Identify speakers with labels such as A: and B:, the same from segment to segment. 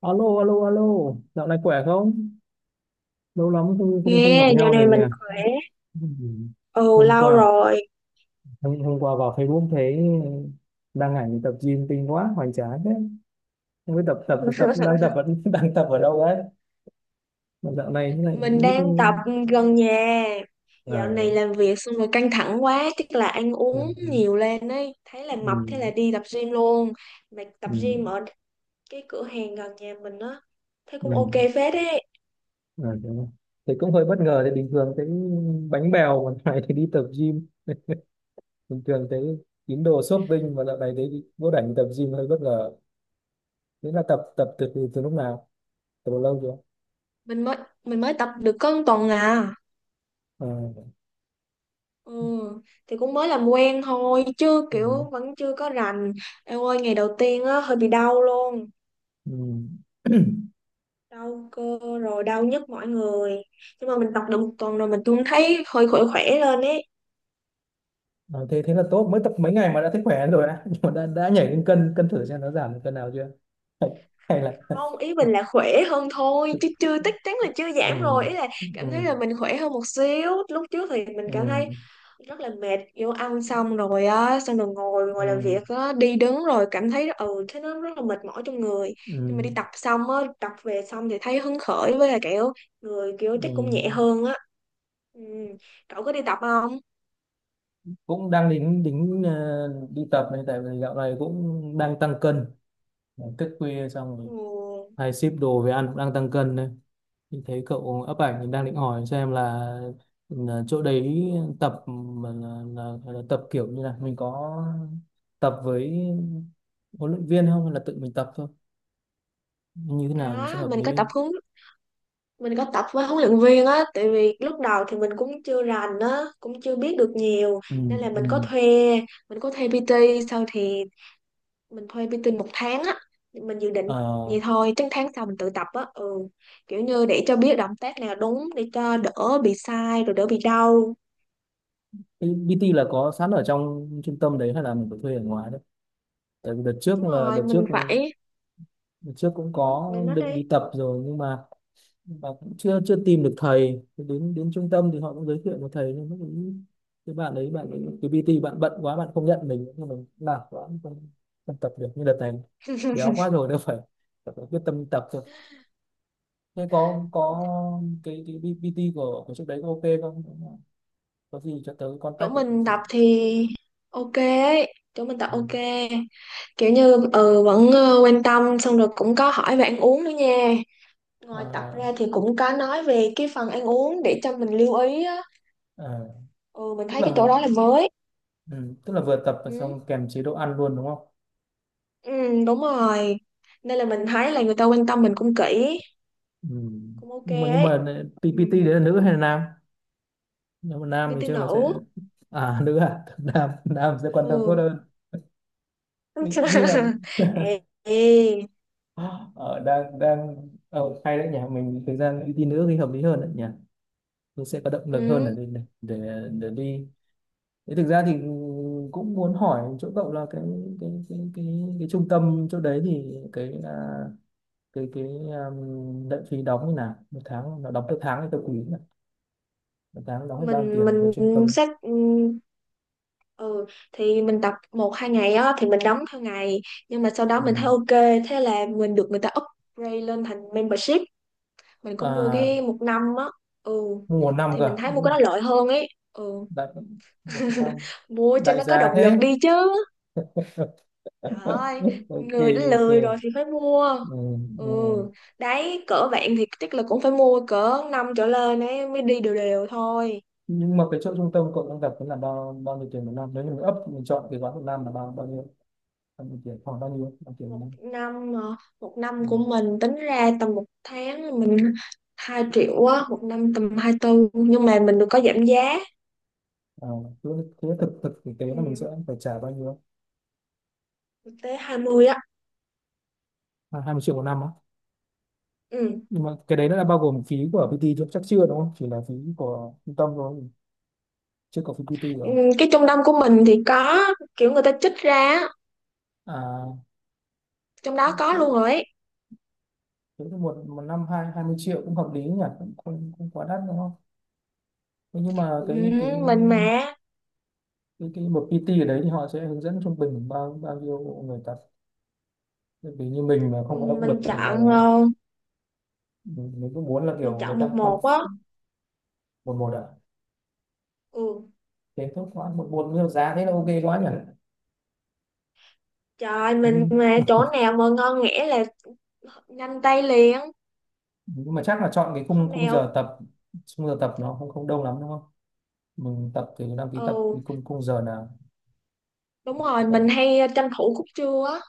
A: Alo, alo, alo, dạo này khỏe không? Lâu lắm không không, không
B: Nghe,
A: gặp
B: dạo
A: nhau rồi
B: này
A: nhỉ?
B: mình khỏe.
A: Ừ.
B: Ồ,
A: Hôm
B: lâu
A: qua,
B: rồi.
A: hôm qua vào Facebook thấy đăng ảnh tập gym kinh quá, hoành tráng thế. Không biết tập tập tập đang tập vẫn đang tập ở đâu đấy? Mà dạo này thế này
B: Mình
A: lúc
B: đang tập gần nhà.
A: à,
B: Dạo này làm việc xong rồi căng thẳng quá, chắc là ăn
A: à, à,
B: uống nhiều lên ấy. Thấy là
A: ừ,
B: mập, thế là đi tập gym luôn. Mà tập
A: ừ,
B: gym ở cái cửa hàng gần nhà mình á. Thấy
A: ừ,
B: cũng ok phết ấy.
A: à, đúng rồi. Thì cũng hơi bất ngờ, thì bình thường thấy bánh bèo còn dạo này thì đi tập gym, bình thường thấy tín đồ shopping mà dạo này thấy đi vô đảnh tập gym hơi bất ngờ. Thế là tập tập từ từ, từ lúc nào? Từ lâu chưa?
B: Mình mới mình mới tập được có một tuần à.
A: À,
B: Ừ, thì cũng mới làm quen thôi, chứ
A: ừ,
B: kiểu vẫn chưa có rành. Em ơi, ngày đầu tiên á hơi bị đau luôn.
A: ừ.
B: Đau cơ rồi đau nhức mọi người, nhưng mà mình tập được một tuần rồi, mình cũng thấy hơi khỏe khỏe lên ấy.
A: À, thế thế là tốt, mới tập mấy ngày mà đã thấy khỏe rồi á. Nhưng mà đã nhảy lên cân cân thử xem nó giảm được cân nào chưa. Hay, hay là
B: Không, ý mình là khỏe hơn thôi, chứ chưa chắc chắn là chưa
A: ừ,
B: giảm rồi, ý là
A: ừ,
B: cảm thấy là mình khỏe hơn một xíu. Lúc trước thì mình cảm thấy
A: ừ,
B: rất là mệt, vô ăn xong rồi á, xong rồi ngồi ngồi làm
A: ừ,
B: việc á, đi đứng rồi cảm thấy thế nó rất là mệt mỏi trong người. Nhưng mà
A: ừ,
B: đi tập xong á, tập về xong thì thấy hứng khởi, với là kiểu người kiểu
A: ừ.
B: chắc cũng nhẹ hơn á. Ừ. Cậu có đi tập không?
A: Cũng đang đính đính đi tập này, tại vì dạo này cũng đang tăng cân, thức khuya xong rồi
B: Ừ.
A: hay ship đồ về ăn cũng đang tăng cân đấy. Mình thấy cậu up ảnh, mình đang định hỏi xem là chỗ đấy tập mà là, là tập kiểu như là mình có tập với huấn luyện viên không hay là tự mình tập thôi, như thế nào thì
B: Có,
A: sẽ hợp lý.
B: mình có tập với huấn luyện viên á, tại vì lúc đầu thì mình cũng chưa rành á, cũng chưa biết được nhiều,
A: Ừ,
B: nên là
A: ừ.
B: mình có thuê PT. Sau thì mình thuê PT một tháng á, mình dự định
A: Ờ,
B: vậy thôi, chắc tháng sau mình tự tập á. Ừ, kiểu như để cho biết động tác nào đúng, để cho đỡ bị sai, rồi đỡ bị đau.
A: cái PT là có sẵn ở trong trung tâm đấy hay là mình phải thuê ở ngoài đấy? Tại vì đợt trước
B: Đúng
A: là
B: rồi,
A: đợt trước, đợt trước cũng có
B: mình nói
A: định
B: đi.
A: đi tập rồi nhưng mà và cũng chưa chưa tìm được thầy. Thì đến đến trung tâm thì họ cũng giới thiệu một thầy nhưng mà cũng cái bạn ấy, cái PT bạn bận quá, bạn không nhận mình, nhưng mình làm quá không tập được như đợt này. Béo quá rồi đâu, phải tập, phải có quyết tâm tập thôi. Thế có cái PT của trước đấy có ok không? Có gì cho tớ
B: chỗ
A: contact để tớ
B: mình
A: thử.
B: tập thì ok, Chỗ mình tập
A: Ừ.
B: ok, kiểu như vẫn quan tâm, xong rồi cũng có hỏi về ăn uống nữa nha. Ngoài tập
A: À,
B: ra thì cũng có nói về cái phần ăn uống để cho mình lưu ý á.
A: à,
B: Ừ mình
A: tức
B: thấy cái
A: là
B: chỗ đó
A: mình
B: là mới.
A: ừ, tức là vừa tập và
B: Ừ,
A: xong kèm chế độ ăn luôn đúng không?
B: ừ, đúng rồi, nên là mình thấy là người ta quan tâm mình cũng kỹ,
A: Ừ.
B: cũng ok
A: nhưng mà nhưng
B: ấy.
A: mà
B: Ừ,
A: PT đấy là nữ hay là nam? Nếu mà nam thì
B: BT
A: chắc là
B: nữ.
A: sẽ à nữ à, nam nam sẽ quan tâm tốt
B: Ừ.
A: hơn. Ừ, nhưng mà
B: Ê, ê.
A: ở đang đang ở hay đấy nhỉ, mình thực ra ưu tiên nữ thì hợp lý hơn đấy nhỉ, mình sẽ có động lực hơn
B: ừ
A: để để đi. Thế thực ra thì cũng muốn hỏi chỗ cậu là cái cái trung tâm chỗ đấy thì cái à, cái lệ phí đóng như nào, một tháng nó đóng theo tháng hay theo quý nhỉ? Một tháng đóng hết bao nhiêu
B: mình
A: tiền về trung
B: mình
A: tâm?
B: xét, ừ thì mình tập một hai ngày á thì mình đóng theo ngày, nhưng mà sau đó
A: Ừ.
B: mình thấy ok, thế là mình được người ta upgrade lên thành membership. Mình có mua
A: À
B: cái một năm á. Ừ,
A: mua năm
B: thì
A: cơ.
B: mình thấy mua
A: Ừ,
B: cái đó lợi hơn ấy. Ừ.
A: đại một năm,
B: Mua cho
A: đại
B: nó có
A: gia
B: động
A: thế.
B: lực đi chứ. Trời ơi,
A: Ok,
B: người đã
A: ok,
B: lười rồi thì phải mua.
A: ừ,
B: Ừ,
A: ừ.
B: đấy, cỡ bạn thì chắc là cũng phải mua cỡ năm trở lên ấy mới đi đều đều thôi.
A: Nhưng mà cái chỗ trung tâm cậu đang gặp là bao bao nhiêu tiền một năm? Nếu như mình up, mình chọn cái gói một năm là bao bao nhiêu, bao nhiêu tiền, khoảng bao nhiêu, bao nhiêu tiền
B: một
A: một năm?
B: năm mà Một năm
A: Ừ.
B: của mình tính ra tầm một tháng là mình 2 triệu á, một năm tầm 24, nhưng mà mình được có giảm giá.
A: À, cứ thế thực thực thực tế là mình sẽ
B: Ừ,
A: phải trả bao nhiêu?
B: được tới 20 á.
A: À, 20 triệu một năm á?
B: Ừ.
A: Nhưng mà cái đấy nó đã bao gồm phí của PT chứ chắc chưa đúng không, chỉ là phí của trung tâm thôi, chưa có phí PT
B: Ừ,
A: rồi.
B: cái trung tâm của mình thì có kiểu người ta trích ra á,
A: À,
B: trong đó có luôn
A: thế
B: rồi ấy.
A: thế thì một một năm hai hai mươi triệu cũng hợp lý nhỉ, cũng không quá đắt đúng không? Thế nhưng mà
B: Ừ,
A: cái cái
B: mình mà,
A: cái cái một PT ở đấy thì họ sẽ hướng dẫn trung bình bao bao nhiêu người tập? Bởi vì như mình mà
B: ừ,
A: không có động lực thì là mình cứ muốn là
B: mình
A: kiểu người
B: chọn
A: ta
B: một
A: con
B: một á.
A: một một ạ.
B: Ừ.
A: Thế tốt quá, một một nhiều giá thế là ok quá nhỉ.
B: Trời, mình
A: nhưng,
B: mà chỗ nào mà ngon nghẻ là nhanh tay liền.
A: nhưng mà chắc là chọn cái khung
B: Hôm
A: khung
B: nào.
A: giờ tập, khung giờ tập nó không không đông lắm đúng không? Mình tập thì đăng ký tập thì
B: Ừ,
A: khung khung giờ nào,
B: đúng rồi,
A: giờ
B: mình hay tranh thủ khúc trưa á.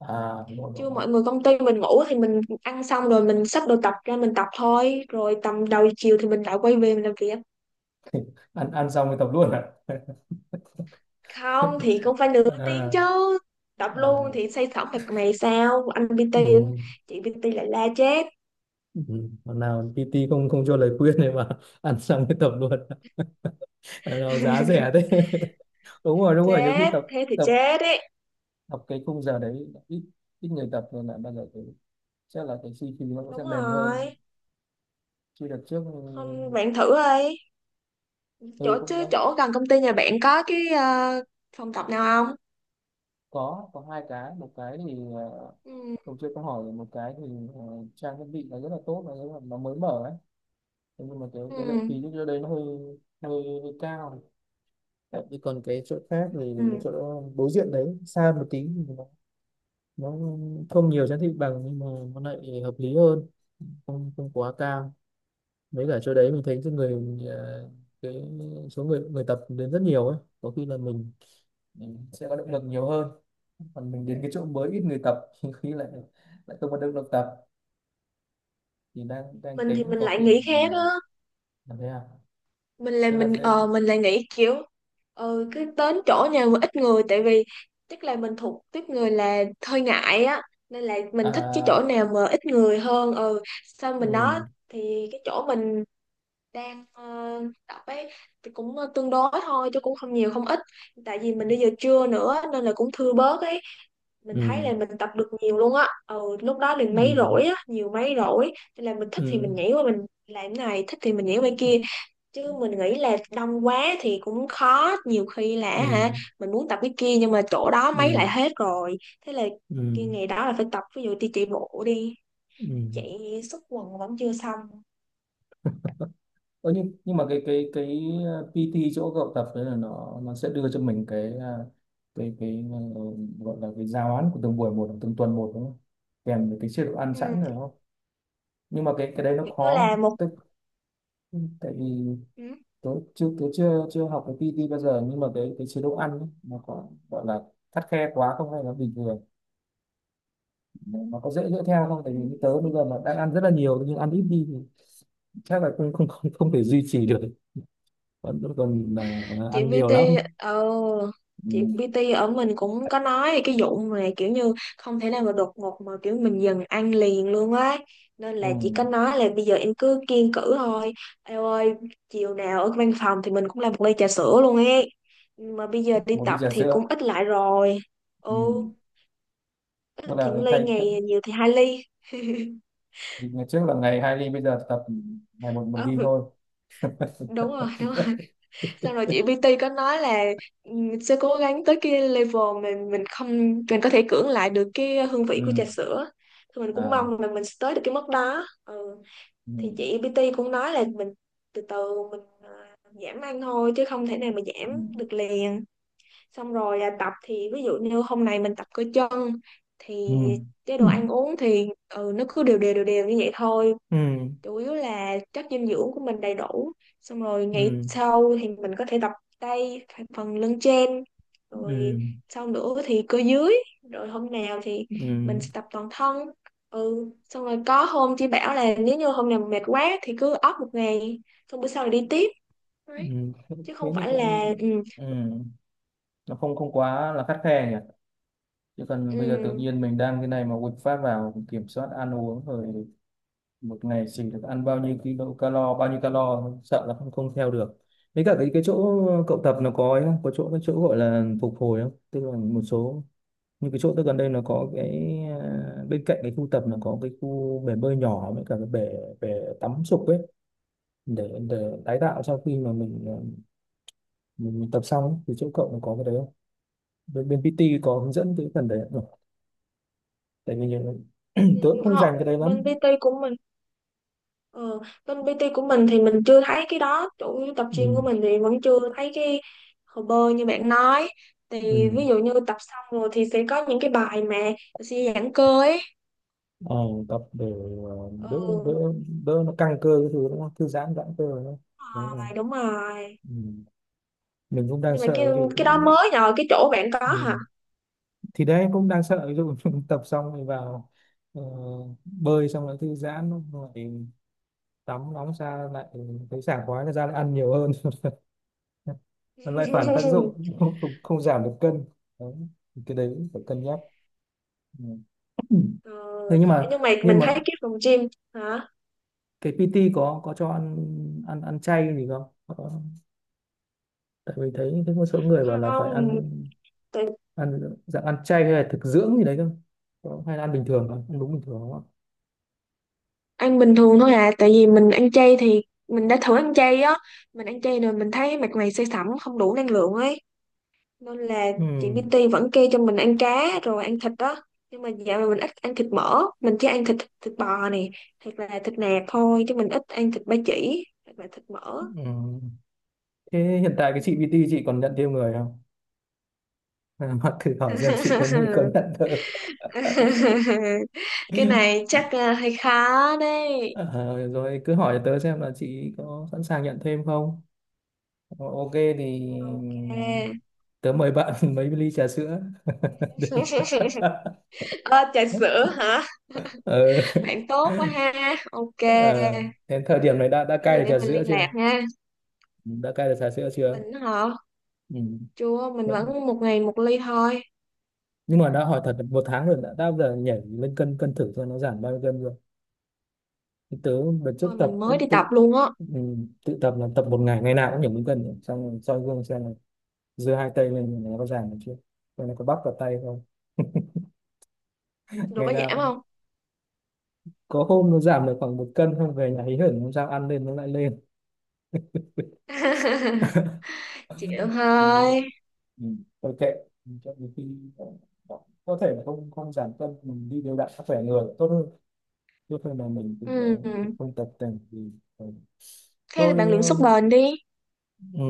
A: à đúng rồi, đúng
B: Chứ
A: rồi.
B: mọi người công ty mình ngủ thì mình ăn xong rồi mình xách đồ tập ra mình tập thôi. Rồi tầm đầu chiều thì mình lại quay về mình làm việc.
A: ăn ăn xong thì tập luôn ạ?
B: Không thì cũng phải nửa tiếng
A: À,
B: chứ. Tập
A: à,
B: luôn thì say sẩm mặt mày sao? Anh PT,
A: ừ.
B: chị PT lại la chết.
A: Ừ, hôm nào PT không không cho lời khuyên này mà ăn xong cái tập luôn, nào giá rẻ thế. Đúng rồi, đúng rồi, nhiều khi
B: Chết,
A: tập
B: thế thì
A: tập
B: chết đấy.
A: tập cái khung giờ đấy ít, ít người tập rồi lại bao giờ cái chắc là cái suy khí nó cũng
B: Đúng
A: sẽ mềm hơn.
B: rồi.
A: Chứ đợt trước ừ,
B: Không, bạn thử đi.
A: tôi cũng đã
B: Chỗ gần công ty nhà bạn có cái phòng tập nào không?
A: có hai cái, một cái thì
B: Ừ.
A: tôi chưa có hỏi, một cái thì ờ, trang thiết bị nó rất là tốt, là nó rất là, nó mới mở ấy. Thế nhưng mà cái
B: Ừ.
A: lượng khí lúc đó đấy nó hơi hơi, hơi cao. Đấy, còn cái chỗ khác thì
B: Ừ.
A: chỗ đối diện đấy xa một tí thì nó không nhiều trang thiết bằng nhưng mà nó lại hợp lý hơn, không không quá cao. Mấy cả chỗ đấy mình thấy cái người cái số người người tập đến rất nhiều ấy, có khi là mình sẽ có động lực nhiều hơn. Còn mình đến cái chỗ mới ít người tập thì khi lại, lại không có động lực tập, thì đang đang
B: Mình thì
A: tính
B: mình
A: có
B: lại
A: khi
B: nghĩ khác á.
A: mình làm thế nào,
B: Mình là
A: thế là
B: mình
A: sẽ
B: ờ mình lại nghĩ kiểu cứ đến chỗ nhà mà ít người, tại vì chắc là mình thuộc tiếp người là hơi ngại á, nên là mình thích cái chỗ
A: à
B: nào mà ít người hơn. Ừ, xong mình đó
A: ừ
B: thì cái chỗ mình đang tập ấy thì cũng tương đối thôi, chứ cũng không nhiều không ít, tại vì mình đi giờ trưa nữa nên là cũng thưa bớt ấy. Mình
A: ừ
B: thấy là mình tập được nhiều luôn á. Ừ, lúc đó mình
A: ừ
B: mấy rỗi á, nhiều mấy rỗi, nên là mình thích thì
A: ừ
B: mình nhảy qua mình làm cái này, thích thì mình nhảy qua kia. Chứ mình nghĩ là đông quá thì cũng khó, nhiều khi là
A: ừ ừ
B: hả mình muốn tập cái kia nhưng mà chỗ đó mấy
A: ừ.
B: lại hết rồi, thế là
A: Ừ,
B: kia ngày đó là phải tập ví dụ đi chạy bộ đi.
A: ừ.
B: Chạy xúc quần vẫn chưa xong.
A: Ơ nhưng mà cái cái PT chỗ cậu tập đấy là nó sẽ đưa cho mình cái cái gọi là cái giáo án của từng buổi một, từng tuần một đúng không? Kèm với cái chế độ ăn
B: Ừ,
A: sẵn rồi đúng không? Nhưng mà cái đấy nó
B: kiểu như
A: khó,
B: là một.
A: tức tại vì
B: Ừ.
A: tớ chưa chưa học cái PT bao giờ, nhưng mà cái chế độ ăn ấy, nó có gọi là khắt khe quá không hay là bình thường, nó có dễ dỡ theo không? Tại vì như tớ
B: Ừ.
A: bây giờ mà đang ăn rất là nhiều nhưng ăn ít đi thì chắc là không thể duy trì được, vẫn vẫn còn cuối cùng là ăn
B: chị
A: nhiều
B: PT
A: lắm.
B: ờ Chị bê
A: Ừ.
B: Tê ở mình cũng có nói về cái vụ mà kiểu như không thể nào mà đột ngột mà kiểu mình dần ăn liền luôn á, nên là chị
A: Ừ.
B: có nói là bây giờ em cứ kiêng cữ thôi em ơi. Chiều nào ở văn phòng thì mình cũng làm một ly trà sữa luôn ấy. Nhưng mà bây giờ đi
A: Một ly
B: tập
A: trà
B: thì
A: sữa.
B: cũng ít lại rồi. Ừ,
A: Ừ.
B: ít
A: Tức
B: thì
A: là
B: một ly
A: thay thay-
B: ngày, nhiều thì hai ly.
A: thì ngày trước là ngày hai ly, bây giờ tập ngày một một ly
B: Ừ,
A: thôi.
B: đúng rồi, đúng rồi, xong rồi chị PT có nói là, sẽ cố gắng tới cái level mà mình không mình có thể cưỡng lại được cái hương vị của trà
A: Ừ.
B: sữa, thì mình cũng
A: À
B: mong là mình sẽ tới được cái mức đó. Ừ. Thì
A: ừ.
B: chị PT cũng nói là mình từ từ mình giảm ăn thôi chứ không thể nào mà
A: Ừ.
B: giảm được liền. Xong rồi tập thì ví dụ như hôm nay mình tập cơ chân
A: Ừ
B: thì chế
A: Ừ.
B: độ ăn uống thì nó cứ đều đều đều đều như vậy thôi, chủ yếu là chất dinh dưỡng của mình đầy đủ. Xong rồi
A: Ừ
B: ngày
A: ừ
B: sau thì mình có thể tập tay, phần lưng trên.
A: ừ
B: Rồi sau nữa thì cơ dưới. Rồi hôm nào thì mình sẽ
A: ừ
B: tập toàn thân. Ừ, xong rồi có hôm chị bảo là nếu như hôm nào mệt quá thì cứ off một ngày, xong bữa sau là đi tiếp.
A: ừ
B: Đấy.
A: thế
B: Chứ
A: thế
B: không
A: thì
B: phải
A: cũng
B: là
A: ừ. Nó không không quá là khắt khe nhỉ, chứ còn bây giờ tự
B: ừ,
A: nhiên mình đang cái này mà quật phát vào kiểm soát ăn uống rồi, một ngày chỉ được ăn bao nhiêu kilo calo, bao nhiêu calo, sợ là không không theo được. Với cả cái chỗ cậu tập nó có ấy không, có chỗ cái chỗ gọi là phục hồi không, tức là một số như cái chỗ tôi gần đây nó có cái à, bên cạnh cái khu tập nó có cái khu bể bơi nhỏ với cả cái bể, bể tắm sục ấy, để tái tạo sau khi mà mình à, mình tập xong ấy. Thì chỗ cậu nó có cái đấy không, bên, bên PT có hướng dẫn cái phần đấy không? Tại vì
B: ừ,
A: tôi cũng không dành cái đấy lắm.
B: họ bên PT của mình Ờ, bên PT của mình thì mình chưa thấy cái đó. Chủ tập
A: Ừ.
B: gym của mình thì vẫn chưa thấy cái hồ bơi như bạn nói.
A: Ừ.
B: Thì ví dụ như tập xong rồi thì sẽ có những cái bài mà sẽ giãn cơ ấy.
A: Ờ, tập để
B: Ừ,
A: đỡ đỡ
B: đúng
A: đỡ nó căng cơ cái thứ đúng không, thư giãn, giãn cơ đúng không, đúng rồi.
B: rồi, đúng rồi.
A: Ừ. Mình cũng đang
B: Nhưng mà cái
A: sợ thì
B: cái đó mới nhờ cái chỗ bạn có hả.
A: ừ. Thì đấy cũng đang sợ ví dụ tập xong rồi vào ờ, bơi xong lại thư giãn rồi tắm nóng ra lại thấy sảng khoái ra lại ăn nhiều hơn, nó lại phản tác dụng, không giảm được cân. Đấy. Thì cái đấy cũng phải cân nhắc. Ừ.
B: Ừ.
A: Thế nhưng mà
B: Nhưng mà
A: nhưng
B: mình thấy
A: mà
B: cái phòng gym. Hả?
A: cái PT có cho ăn ăn ăn chay gì không? Có tại vì thấy thấy một số người bảo là phải
B: Không,
A: ăn,
B: tại,
A: ăn dạng ăn chay hay là thực dưỡng gì đấy cơ. Hay là ăn bình thường không, ăn đúng bình thường không ạ?
B: ăn bình thường thôi à, tại vì mình ăn chay thì, mình đã thử ăn chay á, mình ăn chay rồi mình thấy mặt mày say sẩm, không đủ năng lượng ấy, nên là
A: Ừ.
B: chị BT vẫn kêu cho mình ăn cá rồi ăn thịt đó. Nhưng mà dạo này mình ít ăn thịt mỡ, mình chỉ ăn thịt thịt bò này, hoặc là thịt nạc thôi, chứ mình ít ăn thịt ba chỉ hoặc là thịt mỡ.
A: Ừ. Thế hiện tại cái
B: Ừ.
A: chị BT chị còn nhận thêm người không, hoặc thử hỏi xem chị có như có nhận tớ.
B: Cái này chắc là hơi khó đấy.
A: Ờ, rồi cứ hỏi tớ xem là chị có sẵn sàng nhận thêm không. Ờ, ok thì
B: Ok.
A: tớ mời bạn mấy ly trà sữa.
B: Ơ, trà sữa hả?
A: Ờ,
B: Bạn tốt quá ha. Ok.
A: ờ, đến thời điểm này đã
B: Cái
A: cai
B: gì
A: được
B: để
A: trà
B: mình
A: sữa
B: liên
A: chưa,
B: lạc nha.
A: đã cai được trà sữa chưa?
B: Mình hả?
A: Ừ.
B: Chưa, mình
A: Vẫn,
B: vẫn một ngày một ly thôi.
A: nhưng mà đã hỏi thật là một tháng rồi, đã bao giờ nhảy lên cân cân thử cho nó giảm bao nhiêu cân rồi thì tớ đợt trước
B: Ôi,
A: tập
B: mình mới
A: cũng
B: đi tập
A: tự
B: luôn á.
A: ừ, tự tập là tập một ngày, ngày nào cũng nhảy lên cân rồi. Xong rồi soi gương xem là giơ hai tay lên nó có giảm được chưa, rồi nó có bắp vào tay không,
B: Rồi
A: ngày
B: có giảm
A: nào
B: không?
A: có hôm nó giảm được khoảng một cân. Không về nhà hí hửng hôm sau ăn lên nó lại lên.
B: Chịu
A: Ừ.
B: thôi.
A: Ừ. Thôi kệ, cho đến khi có thể là không không giảm cân mình đi đều đặn sức khỏe người tốt hơn lúc này là mình cũng,
B: Ừ.
A: cũng không tập tành thì ờ,
B: Thế là
A: tôi
B: bạn luyện sức bền đi.
A: ừ,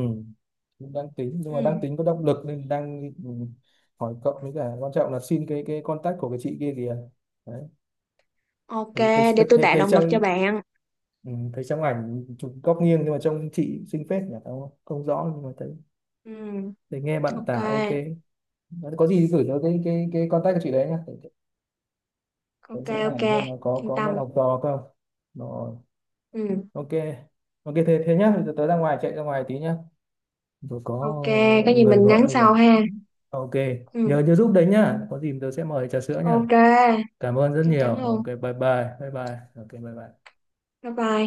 A: cũng đang tính nhưng mà
B: Ừ.
A: đang tính có động lực nên đang hỏi cậu với cả quan trọng là xin cái contact của cái chị kia kìa đấy.
B: Ok,
A: thấy thấy
B: để tôi
A: thấy,
B: tạo
A: thấy
B: động lực cho
A: trong
B: bạn.
A: ừ, thấy trong ảnh chụp góc nghiêng nhưng mà trông chị xinh phết nhỉ, không không rõ nhưng mà thấy,
B: Ừ.
A: thấy nghe bạn
B: Ok,
A: tả ok. Đấy, có gì gửi cho cái cái contact của chị đấy nhá để
B: ok,
A: sẽ hỏi
B: ok.
A: xem nó
B: Yên
A: có nhận
B: tâm.
A: học trò không. Rồi
B: Ừ.
A: ok, ok thế thế nhá, bây giờ tớ ra ngoài, chạy ra ngoài tí nhá, tôi có
B: Ok, có gì
A: người
B: mình
A: gọi
B: nhắn
A: em rồi.
B: sau ha.
A: Ok,
B: Ừ.
A: nhớ nhớ giúp đấy nhá, có gì tớ sẽ mời trà sữa nhá,
B: Ok,
A: cảm ơn rất
B: chắc
A: nhiều.
B: chắn
A: Ok
B: luôn.
A: bye bye, bye bye ok bye bye.
B: Bye bye.